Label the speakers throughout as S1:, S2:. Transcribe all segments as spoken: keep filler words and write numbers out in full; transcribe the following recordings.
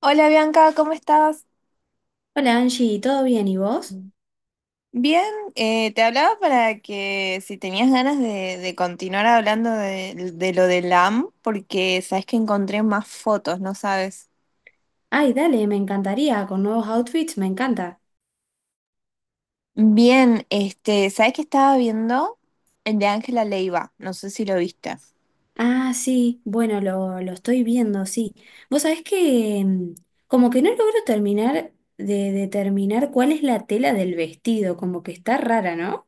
S1: Hola Bianca, ¿cómo estás?
S2: Hola Angie, ¿todo bien y vos?
S1: Bien, eh, te hablaba para que si tenías ganas de, de continuar hablando de, de lo del A M, porque sabes que encontré más fotos, ¿no sabes?
S2: Ay, dale, me encantaría, con nuevos outfits, me encanta.
S1: Bien, este, ¿sabes que estaba viendo? El de Ángela Leiva, no sé si lo viste.
S2: Ah, sí, bueno, lo, lo estoy viendo, sí. Vos sabés que mm, como que no logro terminar de determinar cuál es la tela del vestido, como que está rara, ¿no?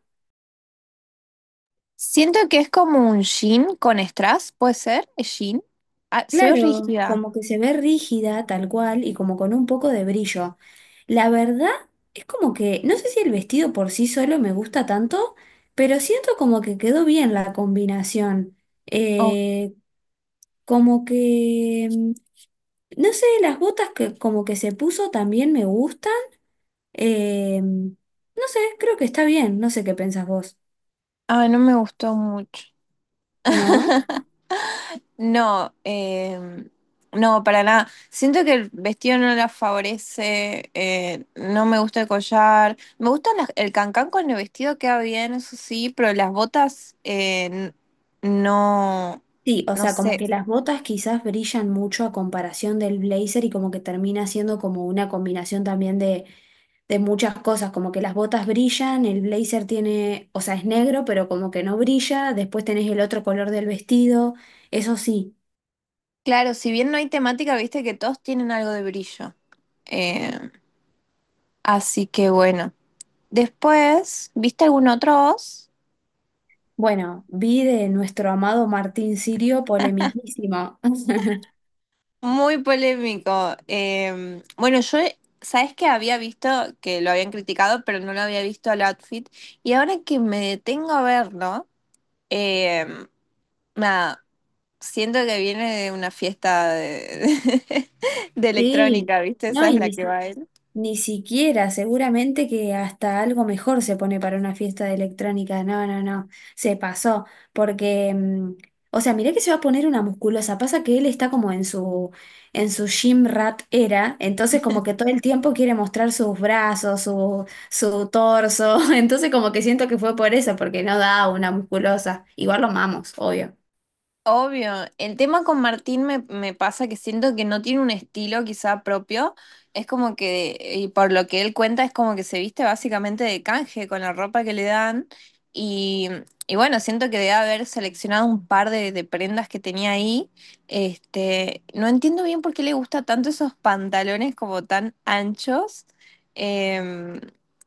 S1: Siento que es como un jean con strass, ¿puede ser? ¿Es jean? Ah, se ve
S2: Claro,
S1: rígida.
S2: como que se ve rígida, tal cual, y como con un poco de brillo. La verdad es como que, no sé si el vestido por sí solo me gusta tanto, pero siento como que quedó bien la combinación.
S1: Oh,
S2: Eh, Como que, mm, no sé, las botas que como que se puso también me gustan. Eh, no sé, creo que está bien, no sé qué pensás vos,
S1: ah, no me gustó mucho.
S2: ¿no?
S1: No, eh, no, para nada. Siento que el vestido no la favorece, eh, no me gusta el collar. Me gusta el cancán con el vestido, queda bien, eso sí, pero las botas eh, n- no,
S2: Sí, o
S1: no
S2: sea, como
S1: sé.
S2: que las botas quizás brillan mucho a comparación del blazer y como que termina siendo como una combinación también de, de muchas cosas, como que las botas brillan, el blazer tiene, o sea, es negro, pero como que no brilla, después tenés el otro color del vestido, eso sí.
S1: Claro, si bien no hay temática, viste que todos tienen algo de brillo. Eh, así que bueno. Después, ¿viste algún otro vos?
S2: Bueno, vi de nuestro amado Martín Sirio polemiquísimo.
S1: Muy polémico. Em, bueno, yo, sabes que había visto que lo habían criticado, pero no lo había visto al outfit. Y ahora que me detengo a verlo, em, nada, siento que viene de una fiesta de, de
S2: Sí,
S1: electrónica, ¿viste?
S2: no,
S1: Esa es
S2: y
S1: la
S2: ni,
S1: que
S2: si-
S1: va a.
S2: ni siquiera, seguramente que hasta algo mejor se pone para una fiesta de electrónica. No, no, no, se pasó. Porque, mm, o sea, mirá que se va a poner una musculosa. Pasa que él está como en su, en su gym rat era, entonces como que todo el tiempo quiere mostrar sus brazos, su, su torso. Entonces como que siento que fue por eso, porque no da una musculosa. Igual lo amamos, obvio.
S1: Obvio, el tema con Martín me, me pasa que siento que no tiene un estilo quizá propio, es como que, y por lo que él cuenta, es como que se viste básicamente de canje con la ropa que le dan, y, y bueno, siento que debe haber seleccionado un par de, de prendas que tenía ahí, este, no entiendo bien por qué le gusta tanto esos pantalones como tan anchos. Em,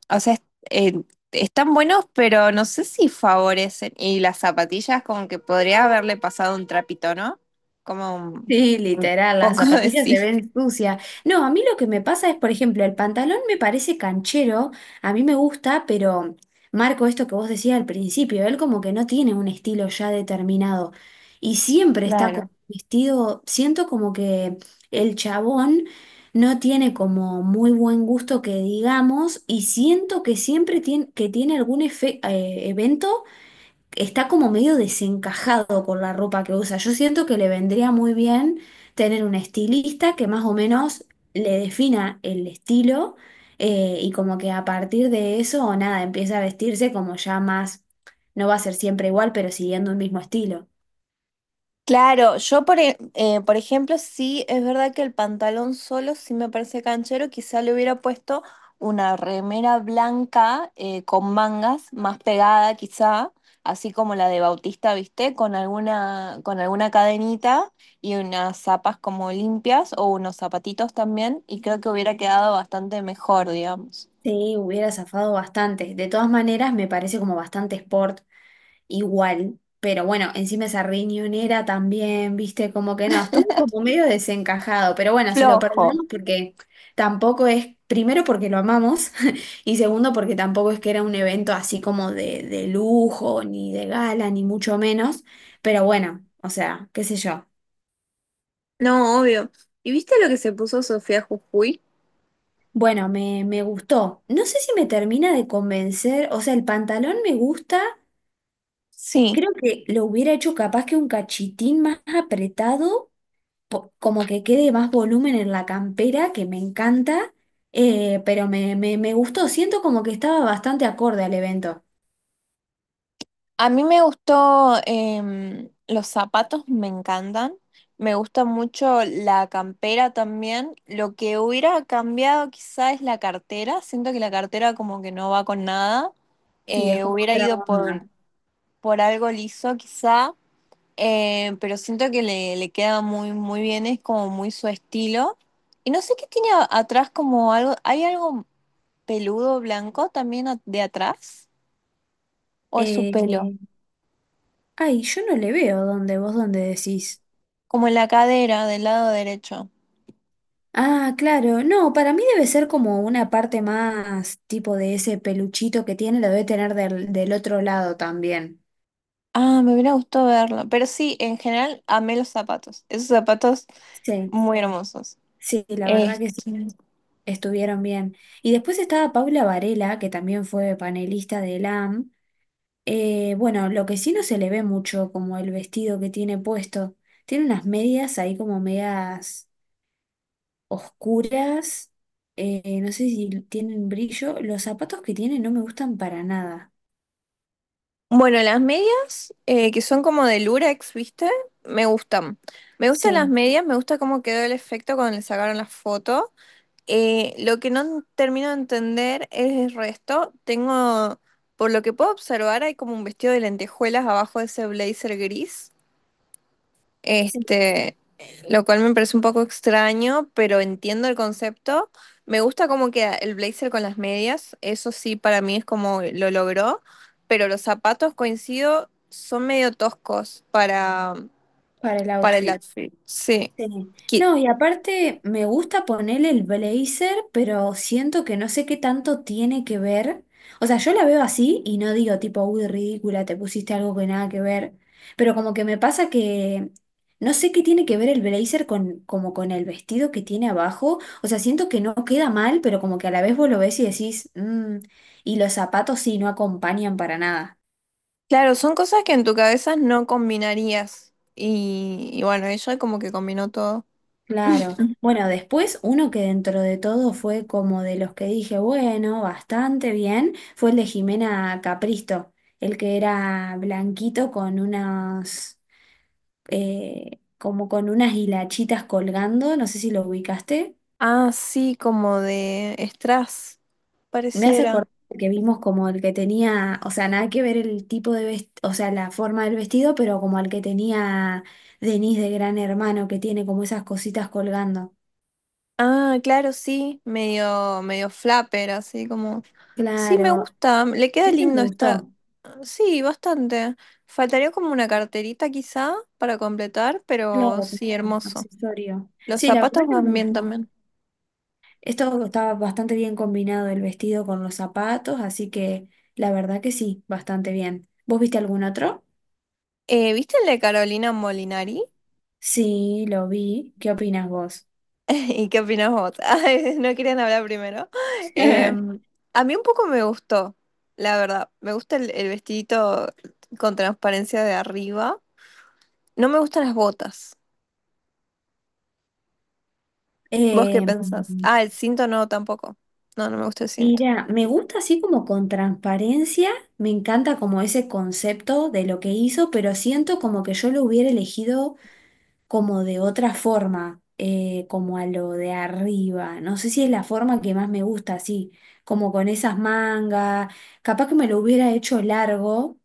S1: o sea, es- eh, están buenos, pero no sé si favorecen. Y las zapatillas, como que podría haberle pasado un trapito, ¿no? Como un,
S2: Sí,
S1: un
S2: literal, las
S1: poco de
S2: zapatillas se
S1: cif.
S2: ven sucias. No, a mí lo que me pasa es, por ejemplo, el pantalón me parece canchero, a mí me gusta, pero marco esto que vos decías al principio, él como que no tiene un estilo ya determinado y siempre está con vestido, siento como que el chabón no tiene como muy buen gusto que digamos y siento que siempre tiene, que tiene algún efe- eh, evento está como medio desencajado con la ropa que usa. Yo siento que le vendría muy bien tener un estilista que más o menos le defina el estilo eh, y como que a partir de eso o nada, empieza a vestirse como ya más, no va a ser siempre igual, pero siguiendo el mismo estilo.
S1: Claro, yo por, e- eh, por ejemplo, sí es verdad que el pantalón solo sí me parece canchero, quizá le hubiera puesto una remera blanca eh, con mangas más pegada quizá, así como la de Bautista, ¿viste? Con alguna, con alguna cadenita y unas zapas como limpias o unos zapatitos también y creo que hubiera quedado bastante mejor, digamos.
S2: Sí, hubiera zafado bastante. De todas maneras, me parece como bastante sport igual, pero bueno, encima esa riñonera también, viste, como que no, estuvo como medio desencajado, pero bueno, se lo
S1: Flojo.
S2: perdonamos porque tampoco es, primero porque lo amamos y segundo porque tampoco es que era un evento así como de, de lujo, ni de gala, ni mucho menos, pero bueno, o sea, qué sé yo.
S1: No, obvio. ¿Y viste lo que se puso Sofía Jujuy?
S2: Bueno, me, me gustó. No sé si me termina de convencer, o sea, el pantalón me gusta,
S1: Sí.
S2: creo que lo hubiera hecho capaz que un cachitín más apretado. po- como que quede más volumen en la campera, que me encanta, eh, pero me, me, me gustó, siento como que estaba bastante acorde al evento.
S1: A mí me gustó, em, los zapatos me encantan, me gusta mucho la campera también. Lo que hubiera cambiado quizá es la cartera, siento que la cartera como que no va con nada.
S2: Sí, es
S1: Eh,
S2: como
S1: hubiera
S2: otra
S1: ido por,
S2: onda.
S1: por algo liso quizá, eh, pero siento que le, le queda muy, muy bien, es como muy su estilo. Y no sé qué tiene a- atrás como algo, ¿hay algo peludo blanco también a- de atrás? ¿O es su
S2: Eh,
S1: pelo?
S2: Ay, yo no le veo dónde, vos dónde decís.
S1: Como en la cadera del lado derecho.
S2: Ah, claro, no, para mí debe ser como una parte más tipo de ese peluchito que tiene, lo debe tener del, del otro lado también.
S1: Ah, me hubiera gustado verlo. Pero sí, en general amé los zapatos. Esos zapatos
S2: Sí,
S1: muy hermosos.
S2: sí, la verdad que sí,
S1: Este.
S2: estuvieron bien. Y después estaba Paula Varela, que también fue panelista de L A M. Eh, bueno, lo que sí no se le ve mucho, como el vestido que tiene puesto. Tiene unas medias ahí como medias oscuras. Eh, no sé si tienen brillo. Los zapatos que tiene no me gustan para nada.
S1: Bueno, las medias, eh, que son como de lurex, ¿viste? Me gustan. Me gustan las
S2: Sí,
S1: medias, me gusta cómo quedó el efecto cuando le sacaron la foto. Eh, lo que no termino de entender es el resto. Tengo, por lo que puedo observar, hay como un vestido de lentejuelas abajo de ese blazer gris.
S2: sí,
S1: Este, lo cual me parece un poco extraño, pero entiendo el concepto. Me gusta como queda el blazer con las medias, eso sí para mí es como lo logró, pero los zapatos, coincido, son medio toscos para,
S2: para el
S1: para el
S2: outfit.
S1: outfit. Sí.
S2: Sí.
S1: Qui-
S2: No, y aparte me gusta ponerle el blazer, pero siento que no sé qué tanto tiene que ver. O sea, yo la veo así y no digo tipo, uy, ridícula, te pusiste algo que nada que ver. Pero como que me pasa que no sé qué tiene que ver el blazer con, como con el vestido que tiene abajo. O sea, siento que no queda mal, pero como que a la vez vos lo ves y decís, "Mm", y los zapatos sí no acompañan para nada.
S1: Claro, son cosas que en tu cabeza no combinarías. Y, y bueno, ella como que combinó todo.
S2: Claro. Bueno, después uno que dentro de todo fue como de los que dije, bueno, bastante bien, fue el de Jimena Capristo, el que era blanquito con unas, eh, como con unas hilachitas colgando, no sé si lo ubicaste.
S1: Ah, sí, como de strass,
S2: Me hace
S1: pareciera.
S2: acordar que vimos como el que tenía, o sea, nada que ver el tipo de vestido, o sea, la forma del vestido, pero como el que tenía Denise de Gran Hermano, que tiene como esas cositas colgando.
S1: Ah, claro, sí, medio, medio flapper, así como. Sí, me
S2: Claro.
S1: gusta, le queda
S2: Este me
S1: lindo esta.
S2: gustó.
S1: Sí, bastante. Faltaría como una carterita quizá para completar, pero
S2: Claro,
S1: sí,
S2: como
S1: hermoso.
S2: accesorio.
S1: Los
S2: Sí, la verdad
S1: zapatos
S2: que me
S1: van bien
S2: gustó.
S1: también.
S2: Esto estaba bastante bien combinado el vestido con los zapatos, así que la verdad que sí, bastante bien. ¿Vos viste algún otro?
S1: Eh, ¿viste el de Carolina Molinari?
S2: Sí, lo vi. ¿Qué opinas vos?
S1: ¿Y qué opinas vos? Ay, no querían hablar primero. Em, a mí un poco me gustó, la verdad. Me gusta el, el vestidito con transparencia de arriba. No me gustan las botas. ¿Vos qué
S2: Eh,
S1: pensás? Ah, el cinto no, tampoco. No, no me gusta el cinto.
S2: Mira, me gusta así como con transparencia, me encanta como ese concepto de lo que hizo, pero siento como que yo lo hubiera elegido como de otra forma, eh, como a lo de arriba. No sé si es la forma que más me gusta, así, como con esas mangas. Capaz que me lo hubiera hecho largo,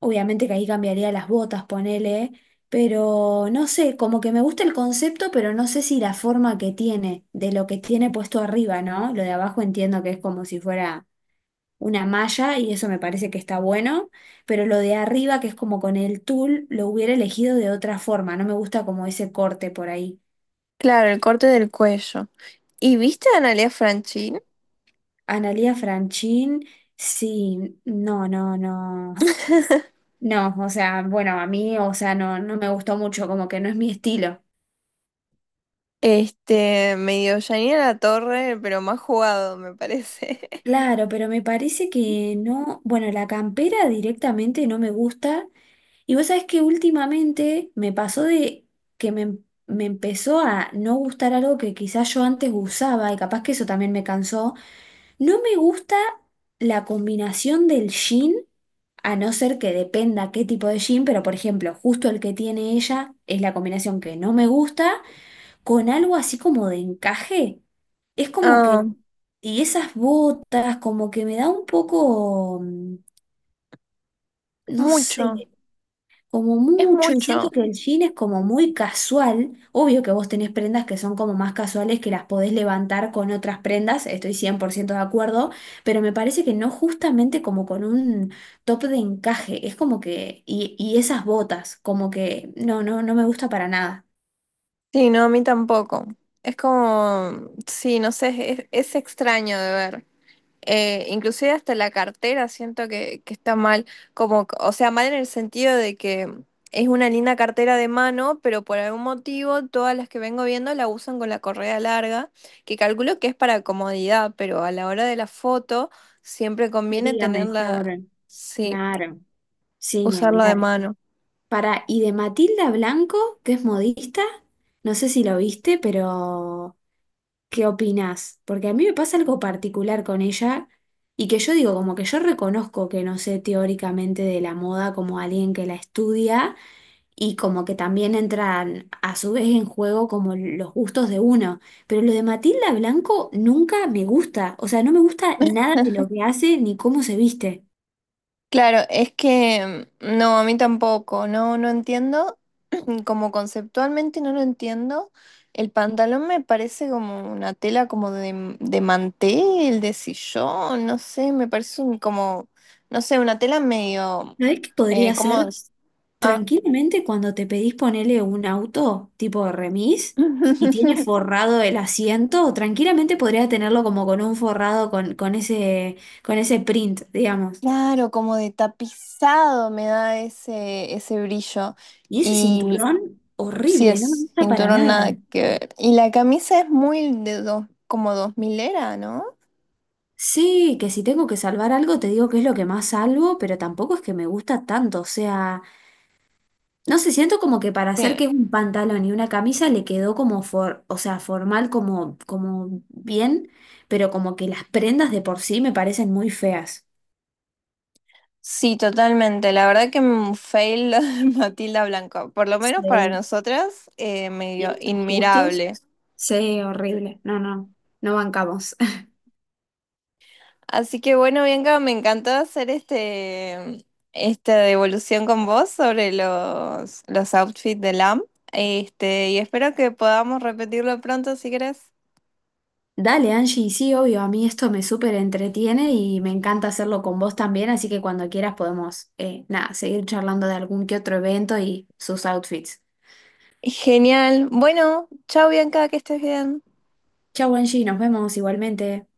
S2: obviamente que ahí cambiaría las botas, ponele, pero no sé, como que me gusta el concepto, pero no sé si la forma que tiene, de lo que tiene puesto arriba, ¿no? Lo de abajo entiendo que es como si fuera una malla y eso me parece que está bueno, pero lo de arriba, que es como con el tul, lo hubiera elegido de otra forma, no me gusta como ese corte por ahí.
S1: Claro, el corte del cuello. ¿Y viste a Analia Franchín?
S2: Analía Franchín, sí, no, no, no, no, o sea, bueno, a mí, o sea, no, no me gustó mucho, como que no es mi estilo.
S1: Este, medio Janina La Torre, pero más jugado, me parece.
S2: Claro, pero me parece que no, bueno, la campera directamente no me gusta. Y vos sabés que últimamente me pasó de que me, em, me empezó a no gustar algo que quizás yo antes usaba y capaz que eso también me cansó. No me gusta la combinación del jean, a no ser que dependa qué tipo de jean, pero por ejemplo, justo el que tiene ella es la combinación que no me gusta con algo así como de encaje. Es como
S1: Ah,
S2: que, y esas botas, como que me da un poco, mm, no sé,
S1: mucho.
S2: como
S1: Es
S2: mucho, y siento
S1: mucho.
S2: que el jean es como muy casual. Obvio que vos tenés prendas que son como más casuales, que las podés levantar con otras prendas, estoy cien por ciento de acuerdo, pero me parece que no justamente como con un top de encaje, es como que, y, y esas botas, como que, no, no, no me gusta para nada.
S1: Sí, no, a mí tampoco. Es como, sí, no sé, es, es extraño de ver. Eh, inclusive hasta la cartera siento que, que está mal, como, o sea, mal en el sentido de que es una linda cartera de mano, pero por algún motivo todas las que vengo viendo la usan con la correa larga, que calculo que es para comodidad, pero a la hora de la foto siempre conviene
S2: Sería
S1: tenerla,
S2: mejor,
S1: sí,
S2: claro, sin ni
S1: usarla de
S2: hablar.
S1: mano.
S2: Para, y de Matilda Blanco, que es modista, no sé si lo viste, pero ¿qué opinás? Porque a mí me pasa algo particular con ella y que yo digo, como que yo reconozco que no sé teóricamente de la moda como alguien que la estudia y como que también entran a su vez en juego como los gustos de uno, pero lo de Matilda Blanco nunca me gusta, o sea, no me gusta nada de lo que hace ni cómo se viste.
S1: Claro, es que mm, no, a mí tampoco, no, no entiendo. Como conceptualmente no lo entiendo. El pantalón me parece como una tela como de, de mantel, de sillón, no sé, me parece un, como, no sé, una tela medio,
S2: ¿Sabés qué
S1: eh,
S2: podría
S1: ¿cómo
S2: ser?
S1: es? Ah,
S2: Tranquilamente cuando te pedís ponerle un auto tipo remis y tiene forrado el asiento, tranquilamente podrías tenerlo como con un forrado con, con ese, con ese print, digamos.
S1: claro, como de tapizado me da ese, ese brillo.
S2: Y ese cinturón,
S1: Sí,
S2: horrible, no me
S1: es
S2: gusta para
S1: cinturón
S2: nada.
S1: nada que ver. Y la camisa es muy de dos, como dos milera, ¿no?
S2: Sí, que si tengo que salvar algo, te digo que es lo que más salvo, pero tampoco es que me gusta tanto, o sea, no sé, siento como que para hacer
S1: Sí.
S2: que es un pantalón y una camisa le quedó como for, o sea, formal como, como bien, pero como que las prendas de por sí me parecen muy feas.
S1: Sí, totalmente. La verdad que un fail lo de Matilda Blanco, por lo menos para
S2: Sí.
S1: nosotras, eh,
S2: Y
S1: medio
S2: nuestros gustos.
S1: inmirable.
S2: Sí, horrible. No, no, no bancamos.
S1: Así que bueno, Bianca, me encantó hacer este, esta devolución con vos sobre los, los outfits de Lamb. Este, y espero que podamos repetirlo pronto si querés.
S2: Dale, Angie, sí, obvio, a mí esto me súper entretiene y me encanta hacerlo con vos también, así que cuando quieras podemos, eh, nada, seguir charlando de algún que otro evento y sus outfits.
S1: Genial. Bueno, chao Bianca, que estés bien.
S2: Chau, Angie, nos vemos igualmente.